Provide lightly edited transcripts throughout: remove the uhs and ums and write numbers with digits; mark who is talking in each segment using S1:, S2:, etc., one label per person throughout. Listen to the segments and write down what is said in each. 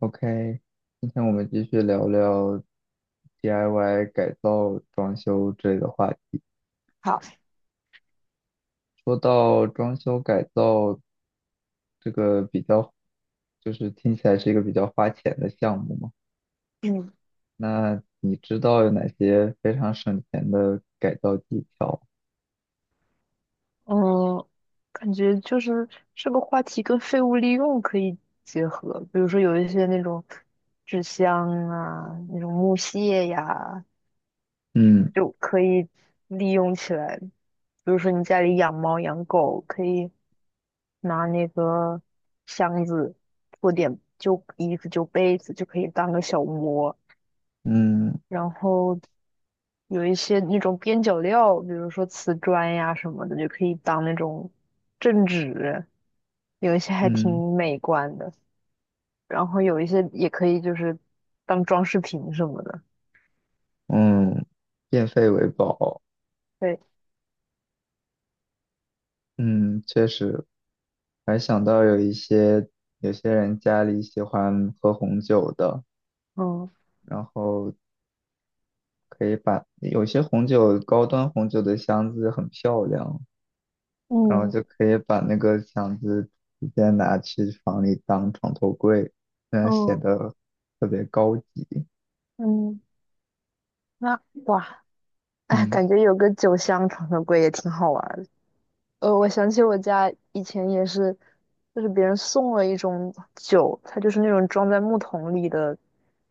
S1: OK，今天我们继续聊聊 DIY 改造、装修之类的话题。
S2: 好，
S1: 说到装修改造这个比较，就是听起来是一个比较花钱的项目嘛。
S2: 嗯
S1: 那你知道有哪些非常省钱的改造技巧？
S2: 嗯，感觉就是这个话题跟废物利用可以结合。比如说有一些那种纸箱啊，那种木屑呀，
S1: 嗯
S2: 就可以利用起来。比如说你家里养猫养狗，可以拿那个箱子做点旧衣服就被子就可以当个小窝，
S1: 嗯
S2: 然后有一些那种边角料，比如说瓷砖呀什么的，就可以当那种镇纸，有一些还
S1: 嗯
S2: 挺美观的，然后有一些也可以就是当装饰品什么的。
S1: 嗯，变废为宝。
S2: 对，
S1: 嗯，确实，还想到有一些有些人家里喜欢喝红酒的，
S2: 嗯
S1: 然后可以把有些红酒高端红酒的箱子很漂亮，然后
S2: 嗯
S1: 就可以把那个箱子直接拿去房里当床头柜，显
S2: 嗯
S1: 得特别高级。
S2: 嗯，那哇，哎，
S1: 嗯
S2: 感觉有个酒香床头柜也挺好玩的。我想起我家以前也是，就是别人送了一种酒，它就是那种装在木桶里的。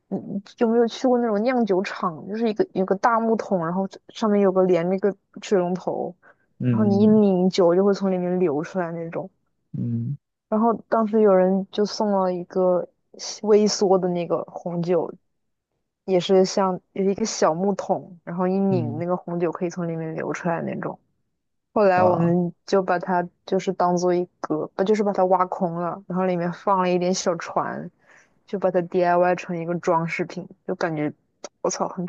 S2: 嗯，你有没有去过那种酿酒厂？就是一个有个大木桶，然后上面有个连那个水龙头，然后你一
S1: 嗯
S2: 拧酒就会从里面流出来那种。
S1: 嗯
S2: 然后当时有人就送了一个西微缩的那个红酒，也是像有一个小木桶，然后一拧
S1: 嗯，
S2: 那个红酒可以从里面流出来那种。后来我
S1: 哇
S2: 们就把它就是当做一个，不就是把它挖空了，然后里面放了一点小船，就把它 DIY 成一个装饰品，就感觉我操，很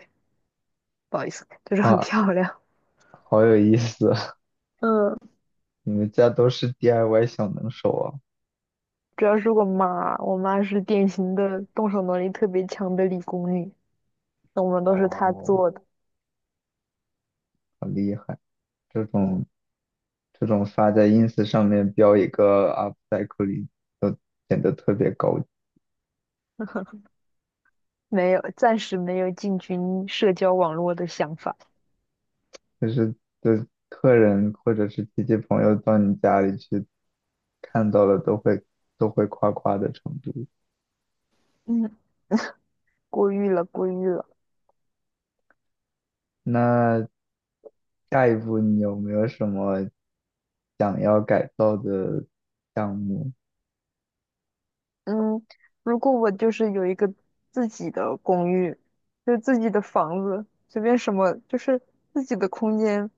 S2: 不好意思，就是很
S1: 哇，
S2: 漂亮。
S1: 好有意思啊！
S2: 嗯，
S1: 你们家都是 DIY 小能手啊？
S2: 主要是我妈，我妈是典型的动手能力特别强的理工女，那我们都是她
S1: 哦，
S2: 做的，
S1: 好厉害！这种这种发在 ins 上面标一个 u p c y c l i 都显得特别高，
S2: 没有，暂时没有进军社交网络的想法。
S1: 就是的客人或者是亲戚朋友到你家里去看到了都会夸夸的程度。
S2: 嗯，过誉了，过誉了。
S1: 那下一步你有没有什么想要改造的项目？
S2: 嗯，如果我就是有一个自己的公寓，就是自己的房子，随便什么，就是自己的空间，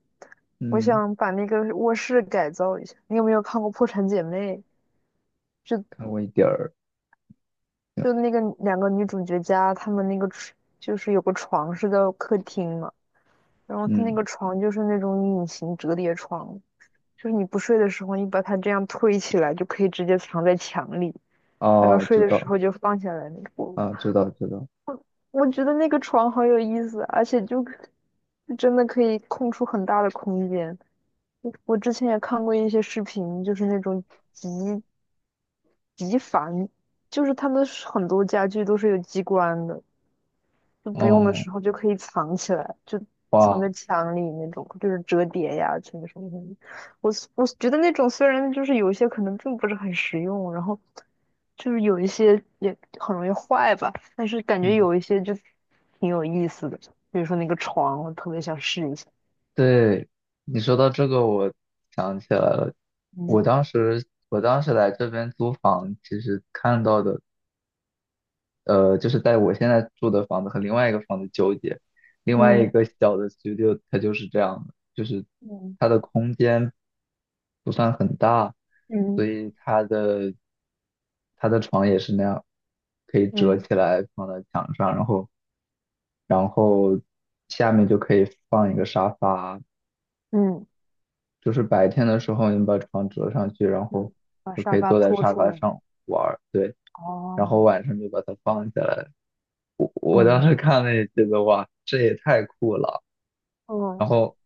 S2: 我
S1: 嗯，
S2: 想把那个卧室改造一下。你有没有看过《破产姐妹》？
S1: 看过一点儿。
S2: 就那个两个女主角家，她们那个床就是有个床是在客厅嘛，然后她那
S1: 嗯，
S2: 个床就是那种隐形折叠床，就是你不睡的时候，你把它这样推起来，就可以直接藏在墙里，然后
S1: 哦，
S2: 睡
S1: 知
S2: 的时
S1: 道
S2: 候就放下来那个。
S1: 啊，知道知道。
S2: 我觉得那个床好有意思，而且就真的可以空出很大的空间。我之前也看过一些视频，就是那种极极繁，就是他们是很多家具都是有机关的，就不用的
S1: 哦，
S2: 时候就可以藏起来，就藏
S1: 哇，
S2: 在墙里那种，就是折叠呀，什么什么什么。我觉得那种虽然就是有一些可能并不是很实用，然后就是有一些也很容易坏吧，但是感觉
S1: 嗯，
S2: 有一些就挺有意思的，比如说那个床，我特别想试一下。
S1: 对，你说到这个，我想起来了。
S2: 嗯
S1: 我当时来这边租房，其实看到的。就是在我现在住的房子和另外一个房子纠结，另外一
S2: 嗯
S1: 个小的 studio 它就是这样的，就是
S2: 嗯
S1: 它的空间不算很大，所
S2: 嗯
S1: 以它的床也是那样，可以折
S2: 嗯
S1: 起来放在墙上，然后下面就可以放一个沙发，
S2: 嗯
S1: 就是白天的时候你把床折上去，然
S2: 嗯，
S1: 后
S2: 把
S1: 就可
S2: 沙
S1: 以
S2: 发
S1: 坐在
S2: 拖
S1: 沙
S2: 出
S1: 发
S2: 来。
S1: 上玩儿，对，然后
S2: 哦，
S1: 晚上就把它放下来。我当
S2: 嗯
S1: 时看了也觉得哇，这也太酷了。然
S2: 哦，
S1: 后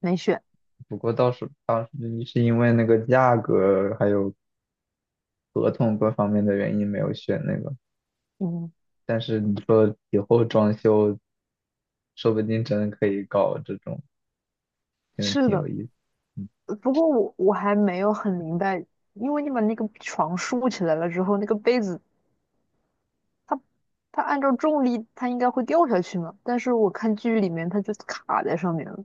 S2: 没选。
S1: 不过倒是当时是因为那个价格还有合同各方面的原因没有选那个，
S2: 嗯，
S1: 但是你说以后装修说不定真的可以搞这种，真的
S2: 是
S1: 挺
S2: 的。
S1: 有意思。
S2: 不过我还没有很明白，因为你把那个床竖起来了之后，那个被子它它按照重力它应该会掉下去嘛，但是我看剧里面它就卡在上面了，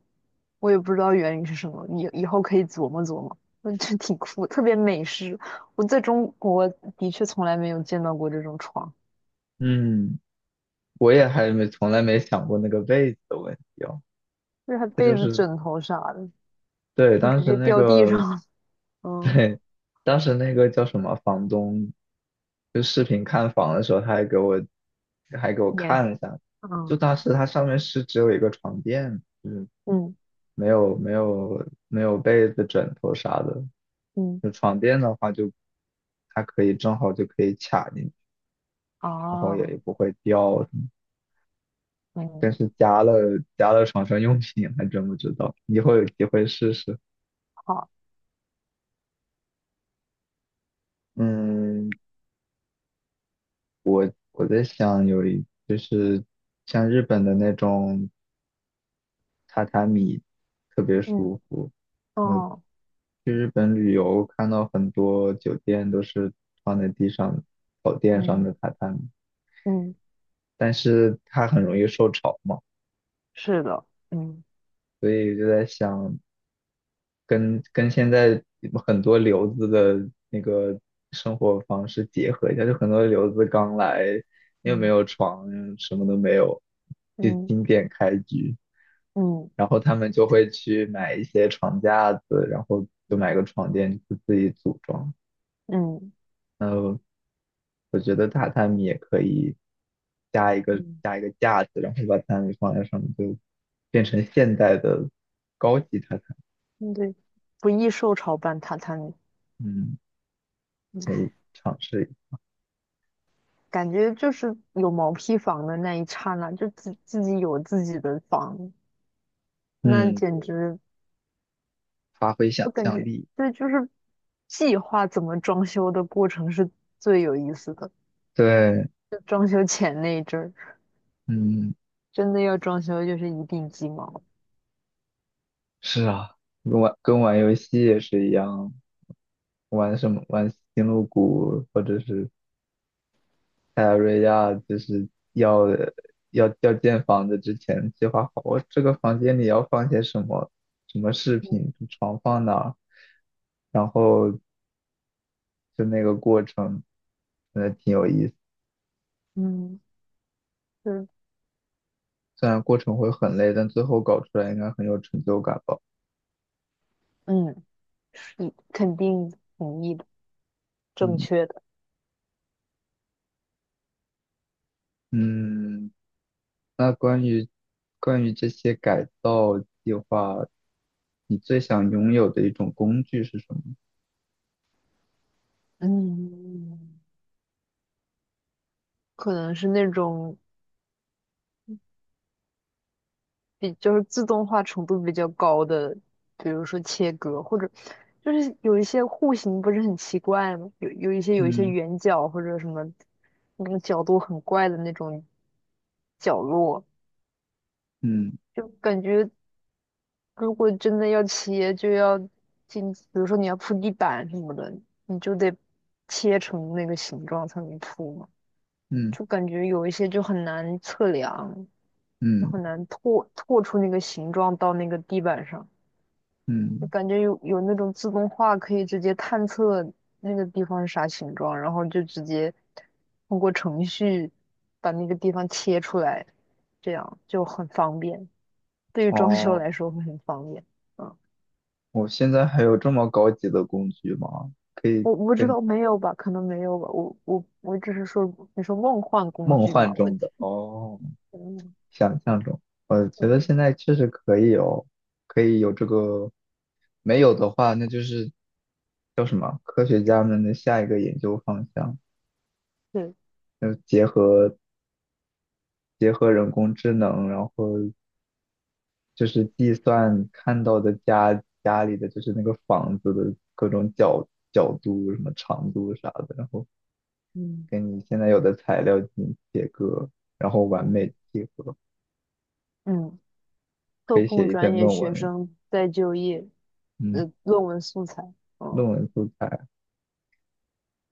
S2: 我也不知道原因是什么，你以后可以琢磨琢磨，嗯，这挺酷，特别美式。我在中国的确从来没有见到过这种床，
S1: 嗯，嗯，我也还没从来没想过那个被子的问题哦。
S2: 就是它
S1: 它
S2: 被
S1: 就
S2: 子、
S1: 是
S2: 枕头啥的
S1: 对，
S2: 都
S1: 当
S2: 直
S1: 时
S2: 接
S1: 那
S2: 掉地上
S1: 个。
S2: 了 嗯，
S1: 对，当时那个叫什么房东，就视频看房的时候，他还给我
S2: 也是，
S1: 看了一下，就
S2: 嗯
S1: 当时它上面是只有一个床垫，
S2: 嗯
S1: 没有被子、枕头啥的。
S2: 嗯，
S1: 就床垫的话就，它可以正好就可以卡进去，然后
S2: 哦，
S1: 也不会掉什么。
S2: 嗯，
S1: 但是加了床上用品，还真不知道，以后有机会试试。
S2: 好，
S1: 嗯，我在想就是像日本的那种。榻榻米特别
S2: 嗯，
S1: 舒服。嗯，
S2: 哦，
S1: 去日本旅游看到很多酒店都是放在地上草垫上
S2: 嗯
S1: 的榻榻米，
S2: 嗯。
S1: 但是它很容易受潮嘛，
S2: 是的，嗯
S1: 所以就在想跟现在很多留子的那个生活方式结合一下，就很多留子刚来又没
S2: 嗯
S1: 有床，什么都没有，就
S2: 嗯
S1: 经典开局。
S2: 嗯
S1: 然后他们就会去买一些床架子，然后就
S2: 嗯
S1: 买个床垫就自己组装。
S2: 嗯
S1: 嗯，我觉得榻榻米也可以加一个
S2: 嗯，
S1: 加一个架子，然后把榻榻米放在上面，就变成现代的高级榻榻米。
S2: 嗯对，不易受潮伴榻榻米，
S1: 嗯，可以
S2: 唉
S1: 尝试一下。
S2: 感觉就是有毛坯房的那一刹那，就自己有自己的房，那
S1: 嗯，
S2: 简直，
S1: 发挥想
S2: 我感
S1: 象
S2: 觉
S1: 力。
S2: 对，就是计划怎么装修的过程是最有意思的，
S1: 对，
S2: 就装修前那一阵儿，
S1: 嗯，
S2: 真的要装修就是一地鸡毛，
S1: 是啊，跟玩游戏也是一样，玩什么玩星露谷或者是泰拉瑞亚就是要建房子之前计划好，我这个房间里要放些什么什么饰
S2: 嗯
S1: 品，床放哪儿，然后就那个过程，真的挺有意思。
S2: 嗯，就是
S1: 虽然过程会很累，但最后搞出来应该很有成就感吧。
S2: 嗯，是肯定同意的，正
S1: 嗯
S2: 确的，
S1: 嗯，那关于这些改造计划，你最想拥有的一种工具是什么？
S2: 嗯。可能是那种比就是自动化程度比较高的，比如说切割，或者就是有一些户型不是很奇怪吗？有一些
S1: 嗯
S2: 圆角或者什么那个角度很怪的那种角落，
S1: 嗯
S2: 就感觉如果真的要切，就要进，比如说你要铺地板什么的，你就得切成那个形状才能铺嘛，
S1: 嗯
S2: 就感觉有一些就很难测量。就
S1: 嗯
S2: 很难拓出那个形状到那个地板上。就
S1: 嗯，
S2: 感觉有那种自动化可以直接探测那个地方是啥形状，然后就直接通过程序把那个地方切出来，这样就很方便。对于装修
S1: 哦。
S2: 来说会很方便。嗯，
S1: 我现在还有这么高级的工具吗？可以
S2: 我不知
S1: 跟
S2: 道没有吧，可能没有吧。我只是说你说梦幻工
S1: 梦
S2: 具嘛，
S1: 幻
S2: 我
S1: 中的哦，
S2: 嗯
S1: 想象中，我觉得现
S2: 嗯
S1: 在确实可以有，可以有这个，没有的话，那就是叫什么？科学家们的下一个研究方向，
S2: 对
S1: 就是结合人工智能，然后就是计算看到的家里的就是那个房子的各种角度、什么长度啥的，然后
S2: 嗯
S1: 跟你现在有的材料进行切割，然后完
S2: 嗯
S1: 美地合，
S2: 嗯。
S1: 可
S2: 特
S1: 以
S2: 控
S1: 写一
S2: 专
S1: 篇
S2: 业
S1: 论文
S2: 学
S1: 了
S2: 生再就业，
S1: 嗯，
S2: 的论文素材，
S1: 论
S2: 嗯，
S1: 文素材。